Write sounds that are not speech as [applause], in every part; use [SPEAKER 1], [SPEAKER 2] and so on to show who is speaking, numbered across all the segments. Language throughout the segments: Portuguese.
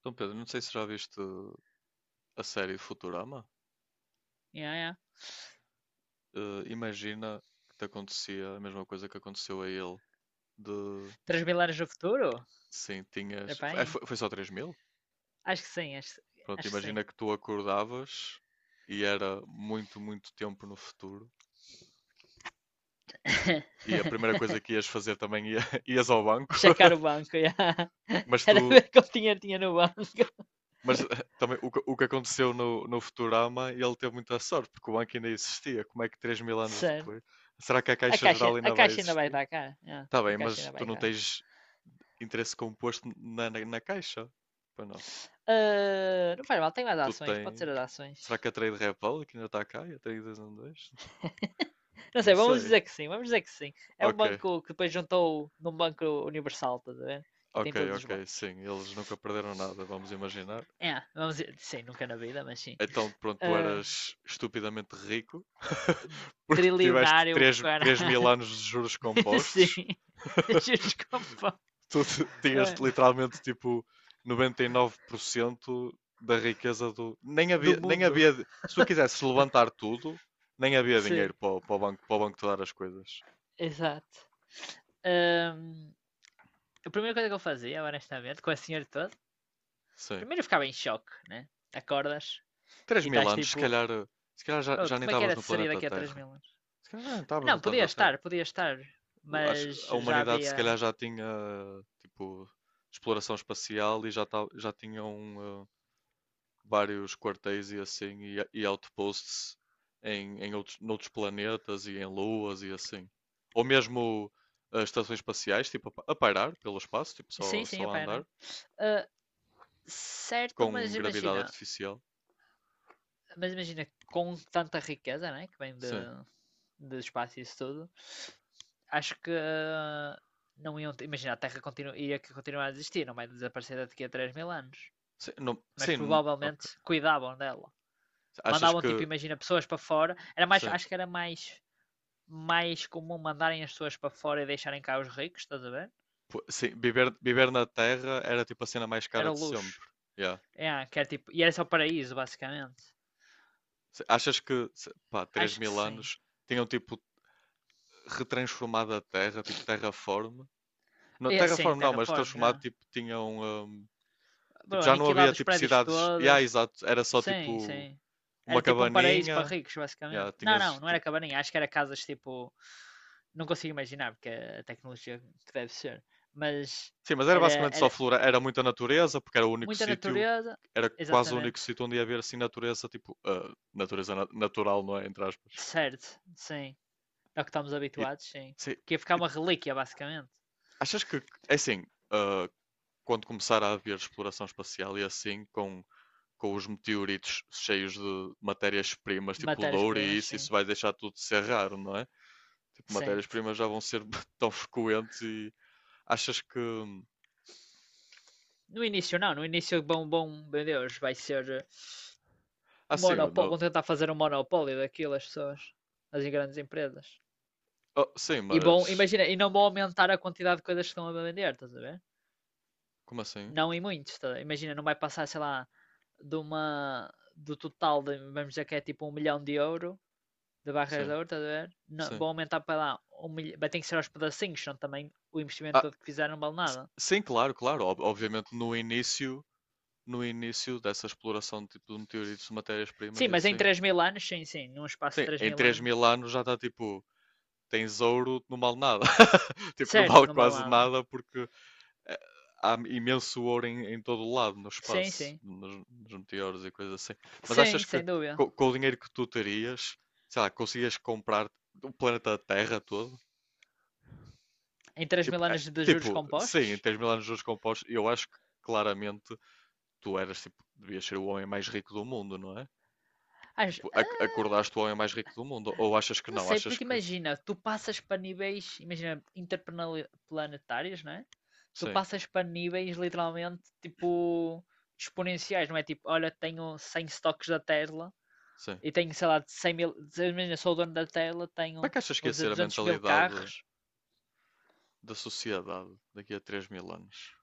[SPEAKER 1] Então, Pedro, não sei se já viste a série Futurama.
[SPEAKER 2] Yeah, yeah.
[SPEAKER 1] Imagina que te acontecia a mesma coisa que aconteceu a ele. De
[SPEAKER 2] Três mil anos no futuro?
[SPEAKER 1] Sim,
[SPEAKER 2] Era
[SPEAKER 1] tinhas. É,
[SPEAKER 2] bem?
[SPEAKER 1] foi só 3 mil?
[SPEAKER 2] Acho que sim, acho,
[SPEAKER 1] Pronto,
[SPEAKER 2] acho que sim.
[SPEAKER 1] imagina que tu acordavas e era muito, muito tempo no futuro. E a primeira coisa
[SPEAKER 2] [laughs]
[SPEAKER 1] que ias fazer também [laughs] ias ao banco.
[SPEAKER 2] Checar o
[SPEAKER 1] [laughs]
[SPEAKER 2] banco, yeah. [laughs]
[SPEAKER 1] Mas
[SPEAKER 2] Era
[SPEAKER 1] tu.
[SPEAKER 2] ver quanto dinheiro tinha no banco. [laughs]
[SPEAKER 1] Mas também o que aconteceu no Futurama, ele teve muita sorte, porque o banco ainda existia. Como é que 3 mil anos
[SPEAKER 2] Certo.
[SPEAKER 1] depois? Será que a
[SPEAKER 2] A
[SPEAKER 1] Caixa
[SPEAKER 2] caixa,
[SPEAKER 1] Geral
[SPEAKER 2] a
[SPEAKER 1] ainda vai
[SPEAKER 2] caixa ainda vai
[SPEAKER 1] existir?
[SPEAKER 2] estar cá. Yeah,
[SPEAKER 1] Tá
[SPEAKER 2] a
[SPEAKER 1] bem,
[SPEAKER 2] caixa
[SPEAKER 1] mas
[SPEAKER 2] ainda
[SPEAKER 1] tu
[SPEAKER 2] vai
[SPEAKER 1] não
[SPEAKER 2] cá.
[SPEAKER 1] tens interesse composto na caixa. Pois não.
[SPEAKER 2] Ah, não faz mal, tem mais
[SPEAKER 1] Tu
[SPEAKER 2] ações, pode ser
[SPEAKER 1] tem.
[SPEAKER 2] as
[SPEAKER 1] Será
[SPEAKER 2] ações.
[SPEAKER 1] que a Trade Republic ainda está cá? E a Trade 212?
[SPEAKER 2] [laughs] Não
[SPEAKER 1] Não
[SPEAKER 2] sei, vamos
[SPEAKER 1] sei.
[SPEAKER 2] dizer que sim, vamos dizer que sim. É um
[SPEAKER 1] Ok,
[SPEAKER 2] banco que depois juntou num banco universal, estás a ver? E
[SPEAKER 1] ok,
[SPEAKER 2] tem todos os
[SPEAKER 1] ok,
[SPEAKER 2] bancos.
[SPEAKER 1] sim. Eles nunca perderam nada, vamos imaginar.
[SPEAKER 2] É, vamos dizer, sim, nunca na vida, mas sim.
[SPEAKER 1] Então, pronto, tu
[SPEAKER 2] Ah,
[SPEAKER 1] eras estupidamente rico [laughs] porque tiveste
[SPEAKER 2] trilionário,
[SPEAKER 1] 3
[SPEAKER 2] cara.
[SPEAKER 1] 3 mil anos de juros
[SPEAKER 2] [laughs] Sim.
[SPEAKER 1] compostos. [laughs]
[SPEAKER 2] Desculpa.
[SPEAKER 1] [laughs] Tinhas
[SPEAKER 2] É,
[SPEAKER 1] literalmente tipo 99% da riqueza do. Nem
[SPEAKER 2] do
[SPEAKER 1] havia, nem
[SPEAKER 2] mundo.
[SPEAKER 1] havia. Se tu quisesse levantar tudo, nem havia
[SPEAKER 2] Sim,
[SPEAKER 1] dinheiro para o banco te dar as coisas.
[SPEAKER 2] exato. Ahm, a primeira coisa que eu fazia, honestamente, com a senhora toda,
[SPEAKER 1] Sim.
[SPEAKER 2] primeiro eu ficava em choque, né? Acordas
[SPEAKER 1] Três
[SPEAKER 2] e
[SPEAKER 1] mil
[SPEAKER 2] estás
[SPEAKER 1] anos, se
[SPEAKER 2] tipo,
[SPEAKER 1] calhar, se calhar já,
[SPEAKER 2] "Oh,
[SPEAKER 1] já nem
[SPEAKER 2] como é que
[SPEAKER 1] estavas
[SPEAKER 2] era de
[SPEAKER 1] no
[SPEAKER 2] sair
[SPEAKER 1] planeta
[SPEAKER 2] daqui a três
[SPEAKER 1] Terra.
[SPEAKER 2] mil anos?
[SPEAKER 1] Se calhar já nem estavas
[SPEAKER 2] Não,
[SPEAKER 1] no planeta Terra.
[SPEAKER 2] podia estar, mas
[SPEAKER 1] A
[SPEAKER 2] já
[SPEAKER 1] humanidade se
[SPEAKER 2] havia.
[SPEAKER 1] calhar já tinha tipo exploração espacial e já tinham vários quartéis e assim, e outposts noutros planetas e em luas e assim. Ou mesmo estações espaciais, tipo, a pairar pelo espaço, tipo,
[SPEAKER 2] Sim,
[SPEAKER 1] só,
[SPEAKER 2] sim,
[SPEAKER 1] só
[SPEAKER 2] a
[SPEAKER 1] a andar,
[SPEAKER 2] pena. Ah, certo,
[SPEAKER 1] com
[SPEAKER 2] mas
[SPEAKER 1] gravidade
[SPEAKER 2] imagina.
[SPEAKER 1] artificial.
[SPEAKER 2] Mas imagina, com tanta riqueza, né, que vem de,
[SPEAKER 1] Sim.
[SPEAKER 2] de espaço e isso tudo, acho que ah, não iam ter- Imagina, a Terra ia que continuar a existir, não vai desaparecer daqui a 3 mil anos.
[SPEAKER 1] Sim,
[SPEAKER 2] Mas
[SPEAKER 1] sim, ok.
[SPEAKER 2] provavelmente cuidavam dela.
[SPEAKER 1] Achas
[SPEAKER 2] Mandavam, tipo,
[SPEAKER 1] que,
[SPEAKER 2] imagina, pessoas para fora. Era mais,
[SPEAKER 1] sim,
[SPEAKER 2] acho que era mais comum mandarem as pessoas para fora e deixarem cá os ricos, estás a ver?
[SPEAKER 1] pô, sim, viver na Terra era tipo a cena mais cara
[SPEAKER 2] Era
[SPEAKER 1] de
[SPEAKER 2] o luxo.
[SPEAKER 1] sempre. Yeah.
[SPEAKER 2] É, que era, tipo, e era só o paraíso, basicamente.
[SPEAKER 1] Achas que, pá, 3
[SPEAKER 2] Acho que
[SPEAKER 1] mil
[SPEAKER 2] sim.
[SPEAKER 1] anos tinham tipo retransformado a Terra, tipo terraform. No
[SPEAKER 2] É, sim,
[SPEAKER 1] Terraform não, mas
[SPEAKER 2] terraform,
[SPEAKER 1] transformado,
[SPEAKER 2] já.
[SPEAKER 1] tipo, tinham. Tipo,
[SPEAKER 2] Bro,
[SPEAKER 1] já não
[SPEAKER 2] aniquilado
[SPEAKER 1] havia
[SPEAKER 2] os
[SPEAKER 1] tipo
[SPEAKER 2] prédios
[SPEAKER 1] cidades. Yeah,
[SPEAKER 2] todos.
[SPEAKER 1] exato. Era só
[SPEAKER 2] Sim,
[SPEAKER 1] tipo
[SPEAKER 2] sim. Era
[SPEAKER 1] uma
[SPEAKER 2] tipo um paraíso para
[SPEAKER 1] cabaninha.
[SPEAKER 2] ricos,
[SPEAKER 1] Yeah.
[SPEAKER 2] basicamente. Não, não, não era cabaninha. Acho que era casas tipo. Não consigo imaginar, porque é a tecnologia que deve ser. Mas
[SPEAKER 1] Sim, mas era
[SPEAKER 2] era,
[SPEAKER 1] basicamente só
[SPEAKER 2] era
[SPEAKER 1] flora. Era muita natureza, porque era o único
[SPEAKER 2] muita
[SPEAKER 1] sítio.
[SPEAKER 2] natureza.
[SPEAKER 1] Era quase o único
[SPEAKER 2] Exatamente.
[SPEAKER 1] sítio onde ia haver assim natureza, tipo. Natureza natural, não é? Entre aspas.
[SPEAKER 2] Certo, sim. É o que estamos
[SPEAKER 1] E,
[SPEAKER 2] habituados, sim.
[SPEAKER 1] sim,
[SPEAKER 2] Porque ia ficar
[SPEAKER 1] e
[SPEAKER 2] uma
[SPEAKER 1] t-
[SPEAKER 2] relíquia, basicamente.
[SPEAKER 1] achas que. É assim. ah, Quando começar a haver exploração espacial e assim, com os meteoritos cheios de matérias-primas, tipo de ouro e
[SPEAKER 2] Matérias-primas,
[SPEAKER 1] isso,
[SPEAKER 2] sim.
[SPEAKER 1] isso vai deixar tudo de ser raro, não é? Tipo,
[SPEAKER 2] Sim.
[SPEAKER 1] matérias-primas já vão ser [laughs] tão frequentes e achas que.
[SPEAKER 2] No início, não. No início, bom, meu Deus, vai ser
[SPEAKER 1] Ah, sim,
[SPEAKER 2] monopólio.
[SPEAKER 1] no...
[SPEAKER 2] Vão tentar fazer um monopólio daquilo, as pessoas. As grandes empresas.
[SPEAKER 1] Oh, sim,
[SPEAKER 2] E bom,
[SPEAKER 1] mas.
[SPEAKER 2] imagina, e não vão aumentar a quantidade de coisas que estão a vender, estás a ver?
[SPEAKER 1] Como assim?
[SPEAKER 2] Não em muitos, estás a ver? Imagina, não vai passar, sei lá, de uma do total, de, vamos dizer que é tipo um milhão de euro, de barras de
[SPEAKER 1] Sim,
[SPEAKER 2] ouro, estás a ver? Não,
[SPEAKER 1] sim.
[SPEAKER 2] vão aumentar para lá, um milhão, vai ter que ser aos pedacinhos, senão também o investimento
[SPEAKER 1] Ah,
[SPEAKER 2] todo que fizeram não vale nada.
[SPEAKER 1] sim, claro, claro. Obviamente no início dessa exploração de, tipo, de meteoritos, de matérias-primas
[SPEAKER 2] Sim,
[SPEAKER 1] e
[SPEAKER 2] mas em
[SPEAKER 1] assim.
[SPEAKER 2] três mil anos, sim, sim, num espaço de
[SPEAKER 1] Sim,
[SPEAKER 2] 3
[SPEAKER 1] em
[SPEAKER 2] mil
[SPEAKER 1] 3
[SPEAKER 2] anos,
[SPEAKER 1] mil anos já está tipo. Tens ouro, não vale nada. [laughs] Tipo, não
[SPEAKER 2] certo,
[SPEAKER 1] vale
[SPEAKER 2] não vale
[SPEAKER 1] quase
[SPEAKER 2] nada.
[SPEAKER 1] nada porque eh, há imenso ouro em todo o lado, no
[SPEAKER 2] Sim,
[SPEAKER 1] espaço,
[SPEAKER 2] sim,
[SPEAKER 1] nos meteoros e coisas assim. Mas
[SPEAKER 2] sim,
[SPEAKER 1] achas que
[SPEAKER 2] sem dúvida.
[SPEAKER 1] com o dinheiro que tu terias, sei lá, conseguias comprar o planeta Terra todo?
[SPEAKER 2] Em 3
[SPEAKER 1] Tipo,
[SPEAKER 2] mil anos de juros
[SPEAKER 1] tipo, sim, em
[SPEAKER 2] compostos,
[SPEAKER 1] 3 mil anos de juros compostos, eu acho que claramente tu eras, tipo, devias ser o homem mais rico do mundo, não é?
[SPEAKER 2] acho,
[SPEAKER 1] Tipo,
[SPEAKER 2] ah,
[SPEAKER 1] acordaste o homem mais rico do mundo. Ou achas que
[SPEAKER 2] Não
[SPEAKER 1] não?
[SPEAKER 2] sei,
[SPEAKER 1] Achas
[SPEAKER 2] porque
[SPEAKER 1] que.
[SPEAKER 2] imagina, tu passas para níveis, imagina, interplanetários, não é? Tu
[SPEAKER 1] Sim,
[SPEAKER 2] passas para níveis literalmente tipo exponenciais, não é? Tipo, olha, tenho 100 stocks da Tesla
[SPEAKER 1] sim.
[SPEAKER 2] e tenho, sei lá, 100 mil, imagina, sou o dono da Tesla,
[SPEAKER 1] Como é
[SPEAKER 2] tenho,
[SPEAKER 1] que achas que
[SPEAKER 2] vou
[SPEAKER 1] ia
[SPEAKER 2] dizer,
[SPEAKER 1] ser a
[SPEAKER 2] duzentos mil
[SPEAKER 1] mentalidade
[SPEAKER 2] carros.
[SPEAKER 1] da sociedade daqui a 3 mil anos?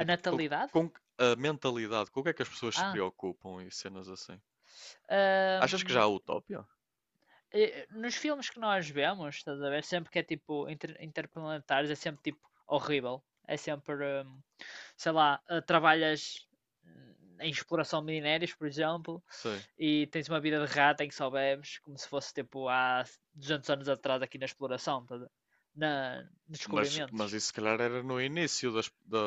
[SPEAKER 2] A natalidade?
[SPEAKER 1] com a mentalidade, com o que é que as pessoas se
[SPEAKER 2] Ah,
[SPEAKER 1] preocupam e cenas assim? Achas que já
[SPEAKER 2] hum,
[SPEAKER 1] há utopia?
[SPEAKER 2] eh, nos filmes que nós vemos, estás a ver? Sempre que é tipo interplanetares, é sempre tipo horrível. É sempre, hum, sei lá, trabalhas hum, em exploração de minérios, por exemplo,
[SPEAKER 1] Sei.
[SPEAKER 2] e tens uma vida de rata em que só bebes, como se fosse tipo há 200 anos atrás aqui na exploração, estás a ver? Nos
[SPEAKER 1] Mas
[SPEAKER 2] descobrimentos.
[SPEAKER 1] isso se calhar era no início das- da,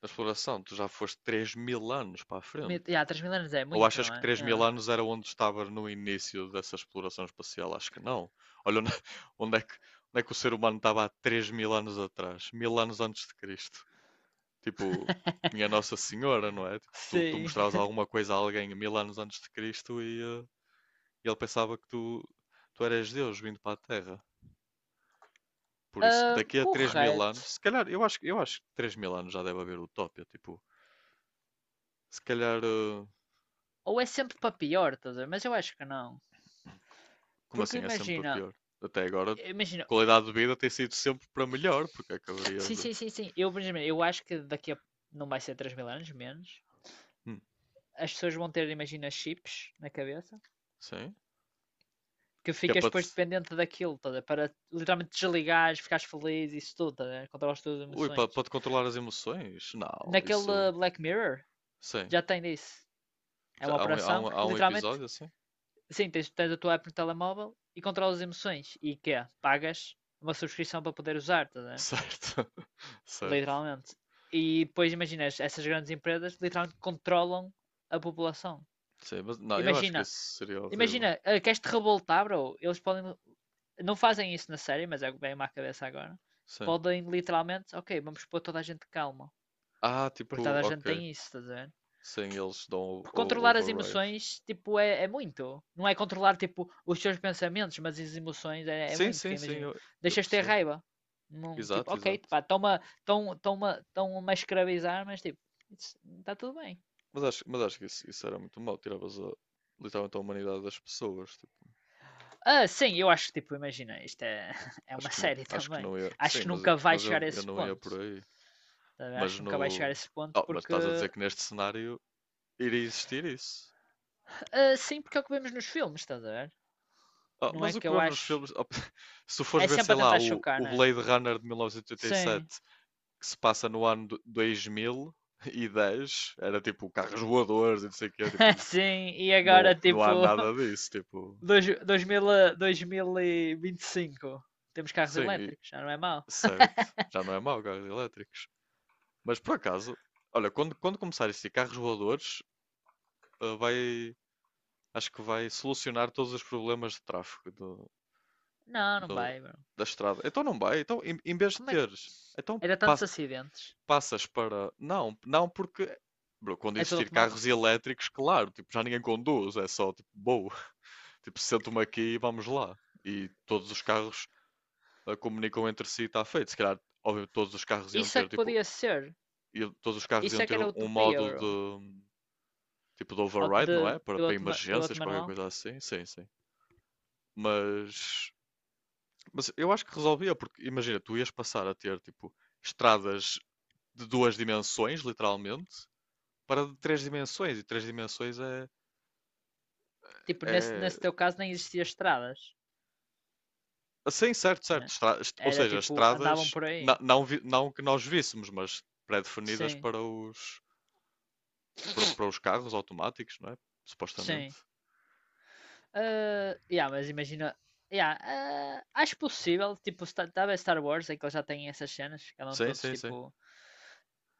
[SPEAKER 1] da exploração. Tu já foste 3 mil anos para a frente.
[SPEAKER 2] Mil- Ya, mil anos é
[SPEAKER 1] Ou
[SPEAKER 2] muito,
[SPEAKER 1] achas
[SPEAKER 2] não
[SPEAKER 1] que
[SPEAKER 2] é?
[SPEAKER 1] 3
[SPEAKER 2] Ya.
[SPEAKER 1] mil anos era onde estava no início dessa exploração espacial? Acho que não. Olha onde, [laughs] onde é que, onde é que o ser humano estava há 3 mil anos atrás, mil anos antes de Cristo. Tipo, minha Nossa Senhora, não é? Tipo, tu
[SPEAKER 2] Sim.
[SPEAKER 1] mostravas alguma coisa a alguém mil anos antes de Cristo e. E ele pensava que tu eras Deus vindo para a Terra. Por isso, daqui a 3 mil
[SPEAKER 2] Correto.
[SPEAKER 1] anos, se calhar, eu acho que 3 mil anos já deve haver utopia. Tipo, se calhar,
[SPEAKER 2] Ou é sempre para pior, estás a ver? Mas eu acho que não.
[SPEAKER 1] como assim?
[SPEAKER 2] Porque
[SPEAKER 1] É sempre para
[SPEAKER 2] imagina,
[SPEAKER 1] pior. Até agora,
[SPEAKER 2] imagina,
[SPEAKER 1] qualidade de vida tem sido sempre para melhor, porque acabaria
[SPEAKER 2] Sim,
[SPEAKER 1] de.
[SPEAKER 2] sim, sim, sim. Eu, por exemplo, eu acho que daqui a. Não vai ser 3 mil anos, menos.
[SPEAKER 1] Hum,
[SPEAKER 2] As pessoas vão ter, imagina, chips na cabeça.
[SPEAKER 1] sim?
[SPEAKER 2] Que
[SPEAKER 1] Que é
[SPEAKER 2] ficas
[SPEAKER 1] para te.
[SPEAKER 2] depois dependente daquilo, toda, para literalmente desligares, ficares feliz, isso tudo, toda, controlas todas as
[SPEAKER 1] Ui, para,
[SPEAKER 2] emoções.
[SPEAKER 1] para te controlar as emoções? Não,
[SPEAKER 2] Naquele
[SPEAKER 1] isso.
[SPEAKER 2] Black Mirror,
[SPEAKER 1] Sim.
[SPEAKER 2] já tem disso. É
[SPEAKER 1] Já
[SPEAKER 2] uma
[SPEAKER 1] há um, há
[SPEAKER 2] operação
[SPEAKER 1] um,
[SPEAKER 2] que
[SPEAKER 1] há um
[SPEAKER 2] literalmente,
[SPEAKER 1] episódio assim?
[SPEAKER 2] sim, tens a tua app no telemóvel e controlas as emoções. E que é? Pagas uma subscrição para poder usar, tá a
[SPEAKER 1] [laughs]
[SPEAKER 2] ver?
[SPEAKER 1] Certo, [laughs] certo.
[SPEAKER 2] Literalmente. E depois imaginas, essas grandes empresas literalmente controlam a população.
[SPEAKER 1] Sim, mas não, eu acho que
[SPEAKER 2] Imagina,
[SPEAKER 1] isso seria horrível.
[SPEAKER 2] imagina, queres te revoltar, bro? Eles podem. Não fazem isso na série, mas é o que vem-me à cabeça agora.
[SPEAKER 1] Sim.
[SPEAKER 2] Podem literalmente, ok, vamos pôr toda a gente calma.
[SPEAKER 1] Ah,
[SPEAKER 2] Porque
[SPEAKER 1] tipo,
[SPEAKER 2] toda a gente
[SPEAKER 1] ok.
[SPEAKER 2] tem isso, estás a ver?
[SPEAKER 1] Sem eles dão o,
[SPEAKER 2] Porque
[SPEAKER 1] o
[SPEAKER 2] controlar as
[SPEAKER 1] override.
[SPEAKER 2] emoções, tipo, é muito. Não é controlar, tipo, os teus pensamentos, mas as emoções é
[SPEAKER 1] Sim,
[SPEAKER 2] muito.
[SPEAKER 1] sim,
[SPEAKER 2] Que
[SPEAKER 1] sim,
[SPEAKER 2] imagina,
[SPEAKER 1] eu
[SPEAKER 2] deixas ter
[SPEAKER 1] percebo.
[SPEAKER 2] raiva. Não, tipo,
[SPEAKER 1] Exato,
[SPEAKER 2] ok,
[SPEAKER 1] exato.
[SPEAKER 2] pá, estão-me a- estão- estão-me a estão-me a escravizar, mas tipo, está tudo bem.
[SPEAKER 1] Mas acho que isso era muito mau. Tiravas literalmente a humanidade das pessoas. Tipo,
[SPEAKER 2] Ah, sim, eu acho que, tipo, imagina, isto é, [laughs] é
[SPEAKER 1] acho
[SPEAKER 2] uma
[SPEAKER 1] que não,
[SPEAKER 2] série
[SPEAKER 1] acho que
[SPEAKER 2] também.
[SPEAKER 1] não ia.
[SPEAKER 2] Acho
[SPEAKER 1] Sim,
[SPEAKER 2] que
[SPEAKER 1] mas,
[SPEAKER 2] nunca vai
[SPEAKER 1] mas
[SPEAKER 2] chegar
[SPEAKER 1] eu,
[SPEAKER 2] a
[SPEAKER 1] eu
[SPEAKER 2] esse
[SPEAKER 1] não ia
[SPEAKER 2] ponto.
[SPEAKER 1] por aí.
[SPEAKER 2] Tá a ver? Acho
[SPEAKER 1] Mas
[SPEAKER 2] que nunca vai chegar a
[SPEAKER 1] no.
[SPEAKER 2] esse ponto
[SPEAKER 1] Oh, mas
[SPEAKER 2] porque.
[SPEAKER 1] estás a dizer que neste cenário iria existir isso.
[SPEAKER 2] Ah, sim, porque é o que vemos nos filmes, estás a ver?
[SPEAKER 1] Oh,
[SPEAKER 2] Não é
[SPEAKER 1] mas o
[SPEAKER 2] que
[SPEAKER 1] que
[SPEAKER 2] eu
[SPEAKER 1] vemos nos
[SPEAKER 2] acho.
[SPEAKER 1] filmes. Oh, [laughs] Se tu
[SPEAKER 2] É
[SPEAKER 1] fores ver, sei
[SPEAKER 2] sempre a
[SPEAKER 1] lá,
[SPEAKER 2] tentar
[SPEAKER 1] o,
[SPEAKER 2] chocar,
[SPEAKER 1] o
[SPEAKER 2] não é?
[SPEAKER 1] Blade Runner de mil novecentos e oitenta e
[SPEAKER 2] Sim,
[SPEAKER 1] sete, que se passa no ano 2010, era tipo carros voadores e não sei o quê. Tipo.
[SPEAKER 2] [laughs] sim, e agora,
[SPEAKER 1] Não, não
[SPEAKER 2] tipo,
[SPEAKER 1] há
[SPEAKER 2] [laughs]
[SPEAKER 1] nada disso, tipo.
[SPEAKER 2] dois, 2000, a- 2025. Temos carros
[SPEAKER 1] Sim,
[SPEAKER 2] elétricos, já não é mau.
[SPEAKER 1] certo. Já não é mau, carros elétricos. Mas por acaso, olha, quando começar isso de carros voadores, ah, vai, acho que vai solucionar todos os problemas de tráfego
[SPEAKER 2] Não, não
[SPEAKER 1] do-
[SPEAKER 2] vai, bro.
[SPEAKER 1] da estrada. Então não vai. Então, em
[SPEAKER 2] E
[SPEAKER 1] vez de
[SPEAKER 2] como é que.
[SPEAKER 1] teres, então
[SPEAKER 2] Era tantos acidentes.
[SPEAKER 1] passas para. Não, não porque. Bro, quando
[SPEAKER 2] É tudo
[SPEAKER 1] existir
[SPEAKER 2] automático?
[SPEAKER 1] carros elétricos, claro, tipo, já ninguém conduz, é só tipo, boa. [laughs] Tipo, sento-me aqui e vamos lá. E todos os carros comunicam entre si, está feito. Se calhar, óbvio, todos os carros iam
[SPEAKER 2] Isso é
[SPEAKER 1] ter,
[SPEAKER 2] que
[SPEAKER 1] tipo,
[SPEAKER 2] podia ser.
[SPEAKER 1] todos os carros
[SPEAKER 2] Isso
[SPEAKER 1] iam
[SPEAKER 2] é que
[SPEAKER 1] ter
[SPEAKER 2] era
[SPEAKER 1] um
[SPEAKER 2] utopia,
[SPEAKER 1] modo
[SPEAKER 2] bro.
[SPEAKER 1] de, tipo, de override, não é? Para
[SPEAKER 2] Piloto
[SPEAKER 1] emergências, qualquer
[SPEAKER 2] manual.
[SPEAKER 1] coisa assim. Sim, sim. Mas, mas eu acho que resolvia, porque imagina, tu ias passar a ter, tipo, estradas de duas dimensões, literalmente, para de três dimensões. E três dimensões é,
[SPEAKER 2] Tipo, nesse,
[SPEAKER 1] é...
[SPEAKER 2] nesse teu caso nem existia estradas,
[SPEAKER 1] Assim, certo, certo.
[SPEAKER 2] né?
[SPEAKER 1] Ou
[SPEAKER 2] Era
[SPEAKER 1] seja,
[SPEAKER 2] tipo, andavam
[SPEAKER 1] estradas,
[SPEAKER 2] por aí.
[SPEAKER 1] não, não que nós víssemos, mas pré-definidas
[SPEAKER 2] Sim,
[SPEAKER 1] para os carros automáticos, não é? Supostamente.
[SPEAKER 2] sim. Ah, yeah, mas imagina. Yeah, ah, acho possível, tipo, talvez Star Wars, é que eles já têm essas cenas, que andam
[SPEAKER 1] Sim,
[SPEAKER 2] todos
[SPEAKER 1] sim, sim.
[SPEAKER 2] tipo.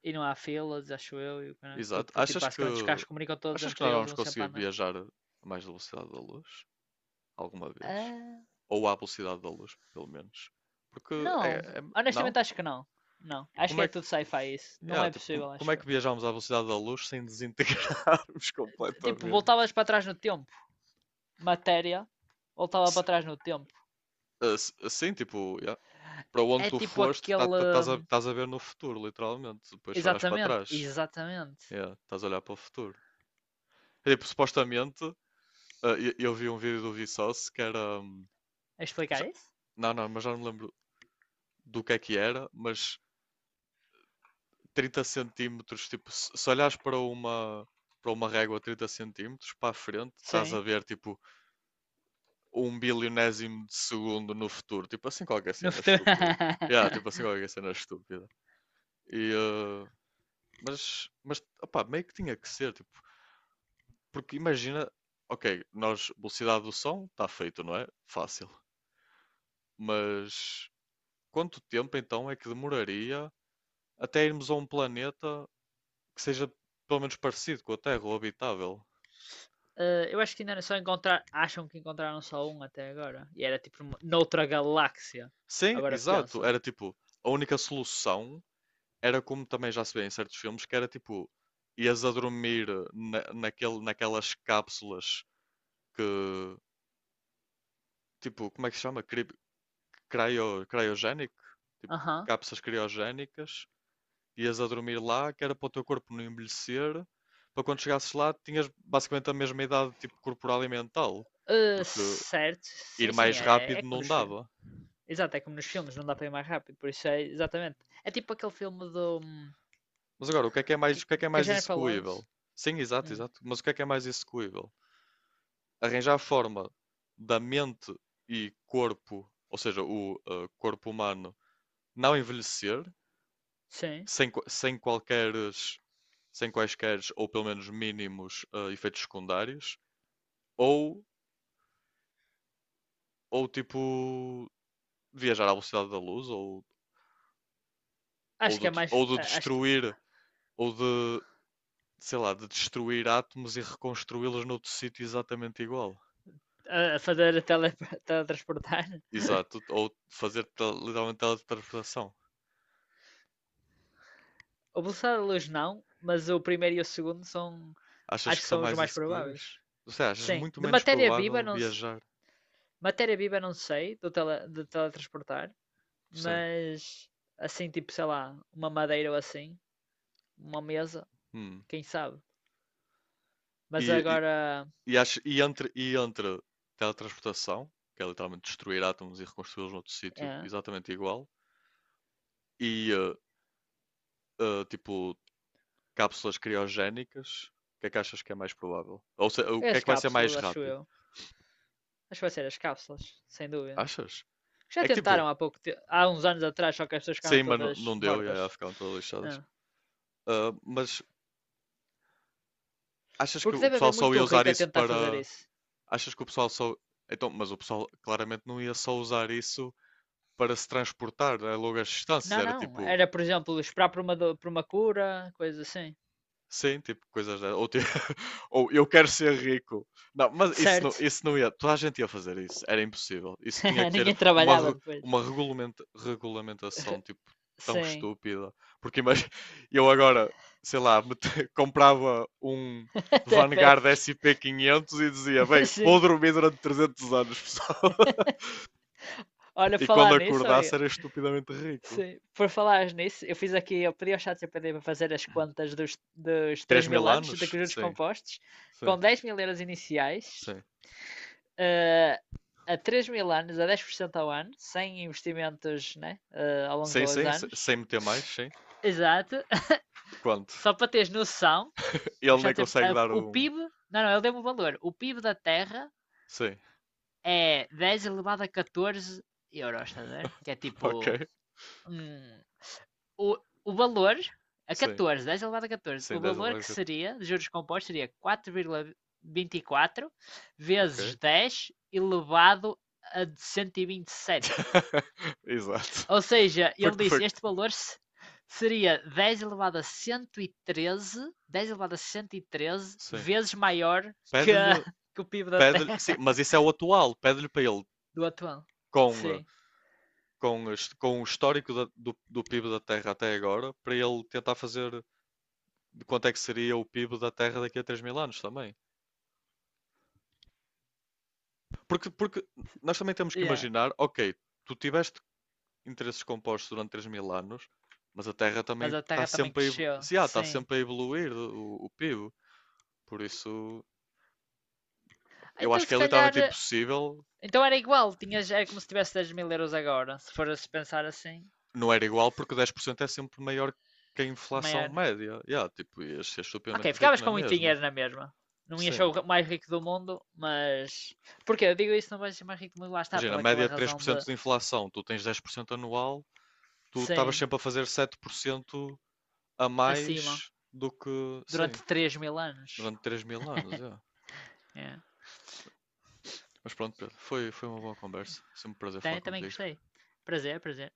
[SPEAKER 2] E não há filas, acho eu, e o caralho, porque,
[SPEAKER 1] Exato.
[SPEAKER 2] porque, tipo,
[SPEAKER 1] Achas que
[SPEAKER 2] basicamente os carros comunicam todos
[SPEAKER 1] achas que
[SPEAKER 2] entre
[SPEAKER 1] nós
[SPEAKER 2] eles,
[SPEAKER 1] vamos
[SPEAKER 2] vão sempre
[SPEAKER 1] conseguir
[SPEAKER 2] a andar.
[SPEAKER 1] viajar a mais velocidade da luz alguma vez?
[SPEAKER 2] Ah,
[SPEAKER 1] Ou à velocidade da luz, pelo menos? Porque
[SPEAKER 2] não,
[SPEAKER 1] não?
[SPEAKER 2] honestamente acho que não. Não, acho
[SPEAKER 1] Como
[SPEAKER 2] que
[SPEAKER 1] é
[SPEAKER 2] é
[SPEAKER 1] que
[SPEAKER 2] tudo sci-fi isso. Não
[SPEAKER 1] Yeah,
[SPEAKER 2] é
[SPEAKER 1] tipo, como,
[SPEAKER 2] possível,
[SPEAKER 1] como
[SPEAKER 2] acho
[SPEAKER 1] é que
[SPEAKER 2] eu.
[SPEAKER 1] viajamos à velocidade da luz sem desintegrarmos [laughs]
[SPEAKER 2] Tipo,
[SPEAKER 1] completamente?
[SPEAKER 2] voltavas para trás no tempo. Matéria voltava
[SPEAKER 1] Se-
[SPEAKER 2] para trás no tempo.
[SPEAKER 1] Sim, tipo, yeah. Para onde
[SPEAKER 2] É
[SPEAKER 1] tu
[SPEAKER 2] tipo
[SPEAKER 1] foste,
[SPEAKER 2] aquele.
[SPEAKER 1] estás a, estás a ver no futuro, literalmente. Depois só olhas para
[SPEAKER 2] Exatamente,
[SPEAKER 1] trás.
[SPEAKER 2] exatamente.
[SPEAKER 1] Yeah, estás a olhar para o futuro. É, tipo, supostamente. Ah, eu vi um vídeo do Vsauce que era.
[SPEAKER 2] A
[SPEAKER 1] Já-
[SPEAKER 2] explicar isso?
[SPEAKER 1] não, não, mas já não me lembro do que é que era, mas 30 cm, tipo, se olhares para uma, régua 30 cm para a frente, estás a
[SPEAKER 2] Sim.
[SPEAKER 1] ver, tipo, um bilionésimo de segundo no futuro. Tipo assim, qualquer
[SPEAKER 2] No
[SPEAKER 1] cena
[SPEAKER 2] futuro.
[SPEAKER 1] estúpida. Yeah, tipo assim,
[SPEAKER 2] [laughs]
[SPEAKER 1] qualquer cena estúpida. E, mas, opá, meio que tinha que ser, tipo, porque imagina, ok, nós, velocidade do som, está feito, não é? Fácil. Mas quanto tempo então é que demoraria até irmos a um planeta que seja pelo menos parecido com a Terra ou habitável?
[SPEAKER 2] Eh, eu acho que ainda era só encontrar. Acham que encontraram só um até agora. E era tipo noutra galáxia.
[SPEAKER 1] Sim,
[SPEAKER 2] Agora
[SPEAKER 1] exato.
[SPEAKER 2] pensa.
[SPEAKER 1] Era tipo, a única solução era como também já se vê em certos filmes, que era tipo, ias a dormir naquelas cápsulas que, tipo, como é que se chama? Cryo, cryogénico? Tipo,
[SPEAKER 2] Aham.
[SPEAKER 1] cápsulas criogénicas. Ias a dormir lá, que era para o teu corpo não envelhecer, para quando chegasses lá, tinhas basicamente a mesma idade, tipo, corporal e mental,
[SPEAKER 2] Eh,
[SPEAKER 1] porque
[SPEAKER 2] certo.
[SPEAKER 1] ir
[SPEAKER 2] Sim, sim.
[SPEAKER 1] mais
[SPEAKER 2] É
[SPEAKER 1] rápido
[SPEAKER 2] como
[SPEAKER 1] não
[SPEAKER 2] nos filmes.
[SPEAKER 1] dava.
[SPEAKER 2] Exato, é como nos filmes. Não dá para ir mais rápido. Por isso é exatamente. É tipo aquele filme do.
[SPEAKER 1] Mas agora, o que é
[SPEAKER 2] Que,
[SPEAKER 1] mais, o que é
[SPEAKER 2] que a
[SPEAKER 1] mais
[SPEAKER 2] Jennifer Lawrence.
[SPEAKER 1] execuível? Sim, exato,
[SPEAKER 2] Hum,
[SPEAKER 1] exato. Mas o que é mais execuível? Arranjar a forma da mente e corpo, ou seja, o corpo humano, não envelhecer,
[SPEAKER 2] sim.
[SPEAKER 1] sem, qua- sem qualqueres, sem quaisqueres, ou pelo menos mínimos, efeitos secundários, ou, ou tipo, viajar à velocidade da luz ou, ou,
[SPEAKER 2] Acho que é
[SPEAKER 1] de,
[SPEAKER 2] mais.
[SPEAKER 1] ou de
[SPEAKER 2] Acho que
[SPEAKER 1] destruir ou de, sei lá, de destruir átomos e reconstruí-los noutro sítio exatamente igual.
[SPEAKER 2] a fazer a [laughs] teletransportar. [laughs]
[SPEAKER 1] Exato, ou fazer literalmente teletransportação.
[SPEAKER 2] O velocidade da luz não, mas o primeiro e o segundo são.
[SPEAKER 1] Achas
[SPEAKER 2] Acho
[SPEAKER 1] que
[SPEAKER 2] que
[SPEAKER 1] são
[SPEAKER 2] são os
[SPEAKER 1] mais
[SPEAKER 2] mais
[SPEAKER 1] isso que vês?
[SPEAKER 2] prováveis.
[SPEAKER 1] Ou seja, achas
[SPEAKER 2] Sim.
[SPEAKER 1] muito
[SPEAKER 2] De
[SPEAKER 1] menos
[SPEAKER 2] matéria viva,
[SPEAKER 1] provável
[SPEAKER 2] não,
[SPEAKER 1] viajar.
[SPEAKER 2] matéria viva não sei, de teletransportar,
[SPEAKER 1] Sim.
[SPEAKER 2] mas assim, tipo, sei lá, uma madeira ou assim, uma mesa,
[SPEAKER 1] Hum.
[SPEAKER 2] quem sabe. Mas
[SPEAKER 1] E,
[SPEAKER 2] agora.
[SPEAKER 1] e, e entre teletransportação, que é literalmente destruir átomos e reconstruí-los noutro sítio
[SPEAKER 2] É.
[SPEAKER 1] exatamente igual, e tipo cápsulas criogénicas? O que é que achas que é mais provável? Ou o
[SPEAKER 2] É
[SPEAKER 1] que é
[SPEAKER 2] as
[SPEAKER 1] que vai ser mais
[SPEAKER 2] cápsulas, acho
[SPEAKER 1] rápido?
[SPEAKER 2] eu. Acho que vai ser as cápsulas, sem dúvida.
[SPEAKER 1] Achas?
[SPEAKER 2] Já
[SPEAKER 1] É que tipo.
[SPEAKER 2] tentaram há há uns anos atrás, só que as pessoas ficaram
[SPEAKER 1] Saima
[SPEAKER 2] todas
[SPEAKER 1] não deu e aí elas
[SPEAKER 2] mortas.
[SPEAKER 1] ficaram todas lixadas.
[SPEAKER 2] Ah.
[SPEAKER 1] Ah, mas achas que
[SPEAKER 2] Porque
[SPEAKER 1] o
[SPEAKER 2] deve
[SPEAKER 1] pessoal
[SPEAKER 2] haver
[SPEAKER 1] só ia
[SPEAKER 2] muito
[SPEAKER 1] usar
[SPEAKER 2] rico a
[SPEAKER 1] isso
[SPEAKER 2] tentar fazer
[SPEAKER 1] para.
[SPEAKER 2] isso.
[SPEAKER 1] Achas que o pessoal só. Então, mas o pessoal claramente não ia só usar isso para se transportar, né, a longas distâncias.
[SPEAKER 2] Não,
[SPEAKER 1] Era
[SPEAKER 2] não.
[SPEAKER 1] tipo.
[SPEAKER 2] Era, por exemplo, esperar por por uma cura, coisa assim.
[SPEAKER 1] Sim, tipo coisas dessas. Ou, tipo, [laughs] ou eu quero ser rico. Não, mas isso não,
[SPEAKER 2] Certo.
[SPEAKER 1] isso não ia. Toda a gente ia fazer isso. Era impossível. Isso tinha que
[SPEAKER 2] [laughs]
[SPEAKER 1] ter
[SPEAKER 2] Ninguém
[SPEAKER 1] uma,
[SPEAKER 2] trabalhava
[SPEAKER 1] re-
[SPEAKER 2] depois.
[SPEAKER 1] uma regulamenta- regulamentação tipo tão
[SPEAKER 2] Sim.
[SPEAKER 1] estúpida. Porque imagina, [laughs] eu agora, sei lá, [laughs] comprava um
[SPEAKER 2] [laughs] Até
[SPEAKER 1] Vanguard
[SPEAKER 2] bebes.
[SPEAKER 1] S&P 500 e dizia: Bem,
[SPEAKER 2] [laughs]
[SPEAKER 1] vou
[SPEAKER 2] Sim.
[SPEAKER 1] dormir durante 300 anos, pessoal. [laughs]
[SPEAKER 2] Olha,
[SPEAKER 1] E quando
[SPEAKER 2] falar nisso,
[SPEAKER 1] acordasse
[SPEAKER 2] olha.
[SPEAKER 1] era estupidamente rico.
[SPEAKER 2] Sim. Por falar nisso, eu fiz aqui, eu pedi ao ChatGPT para fazer as contas dos três
[SPEAKER 1] Três
[SPEAKER 2] mil
[SPEAKER 1] mil
[SPEAKER 2] anos de
[SPEAKER 1] anos?
[SPEAKER 2] juros
[SPEAKER 1] Sim,
[SPEAKER 2] compostos,
[SPEAKER 1] sim,
[SPEAKER 2] com 10.000 euros iniciais,
[SPEAKER 1] sim.
[SPEAKER 2] eh, a 3 mil anos, a 10% ao ano, sem investimentos né, ao longo
[SPEAKER 1] Sim,
[SPEAKER 2] dos
[SPEAKER 1] sim,
[SPEAKER 2] anos.
[SPEAKER 1] sem meter mais, sim.
[SPEAKER 2] Exato. [laughs]
[SPEAKER 1] Quanto?
[SPEAKER 2] Só para teres noção, eu
[SPEAKER 1] Ele nem consegue dar
[SPEAKER 2] o
[SPEAKER 1] um.
[SPEAKER 2] PIB. Não, não, ele deu-me o valor. O PIB da Terra
[SPEAKER 1] Sim,
[SPEAKER 2] é 10 elevado a 14 euros, estás a ver? Que é
[SPEAKER 1] [laughs] ok.
[SPEAKER 2] tipo. hum, o, o valor. A
[SPEAKER 1] Sim,
[SPEAKER 2] 14, 10 elevado a 14, o
[SPEAKER 1] sim, 10
[SPEAKER 2] valor que
[SPEAKER 1] alarga.
[SPEAKER 2] seria, de juros compostos, seria 4,24
[SPEAKER 1] Ok.
[SPEAKER 2] vezes 10 elevado a cento e vinte e sete.
[SPEAKER 1] [laughs] Exato.
[SPEAKER 2] Ou seja,
[SPEAKER 1] Foi
[SPEAKER 2] ele
[SPEAKER 1] que foi.
[SPEAKER 2] disse, este valor seria 10 elevado a 113, 10 elevado a 113
[SPEAKER 1] Sim.
[SPEAKER 2] vezes maior que,
[SPEAKER 1] Pede-lhe.
[SPEAKER 2] que o PIB da
[SPEAKER 1] Pede sim,
[SPEAKER 2] Terra
[SPEAKER 1] mas isso é o atual. Pede-lhe para ele,
[SPEAKER 2] [laughs] do atual.
[SPEAKER 1] com, eh,
[SPEAKER 2] Sim.
[SPEAKER 1] com, as- com o histórico do PIB da Terra até agora, para ele tentar fazer de quanto é que seria o PIB da Terra daqui a 3 mil anos também. Porque nós também temos que
[SPEAKER 2] Yeah.
[SPEAKER 1] imaginar, ok, tu tiveste interesses compostos durante 3 mil anos, mas a Terra também
[SPEAKER 2] Mas a
[SPEAKER 1] está
[SPEAKER 2] Terra também
[SPEAKER 1] sempre a, evolu-
[SPEAKER 2] cresceu,
[SPEAKER 1] se há, está
[SPEAKER 2] sim.
[SPEAKER 1] sempre a evoluir o PIB. Por isso, eu
[SPEAKER 2] Então
[SPEAKER 1] acho que
[SPEAKER 2] se
[SPEAKER 1] é
[SPEAKER 2] calhar,
[SPEAKER 1] literalmente impossível.
[SPEAKER 2] então era igual, tinhas, era como se tivesse 10.000 euros agora, se fores pensar assim,
[SPEAKER 1] Não era igual porque 10% é sempre maior que a inflação
[SPEAKER 2] maior.
[SPEAKER 1] média. Yeah, tipo, ias ser
[SPEAKER 2] Ok,
[SPEAKER 1] estupidamente rico
[SPEAKER 2] ficavas
[SPEAKER 1] na
[SPEAKER 2] com muito
[SPEAKER 1] mesma.
[SPEAKER 2] dinheiro na mesma. Não ias ser
[SPEAKER 1] Sim.
[SPEAKER 2] o mais rico do mundo, mas... Porquê? Eu digo isso, não vais ser mais rico do mundo, lá está,
[SPEAKER 1] Imagina, a
[SPEAKER 2] pela
[SPEAKER 1] média
[SPEAKER 2] aquela
[SPEAKER 1] de três por
[SPEAKER 2] razão
[SPEAKER 1] cento
[SPEAKER 2] de...
[SPEAKER 1] de inflação, tu tens 10% anual, tu estavas
[SPEAKER 2] Sim,
[SPEAKER 1] sempre a fazer 7% a
[SPEAKER 2] acima
[SPEAKER 1] mais do que, sim,
[SPEAKER 2] durante 3 mil anos.
[SPEAKER 1] durante 3 mil anos, yeah.
[SPEAKER 2] É.
[SPEAKER 1] Mas pronto, Pedro, foi uma boa conversa. Sempre um prazer falar
[SPEAKER 2] Também, também
[SPEAKER 1] contigo.
[SPEAKER 2] gostei. Prazer, prazer.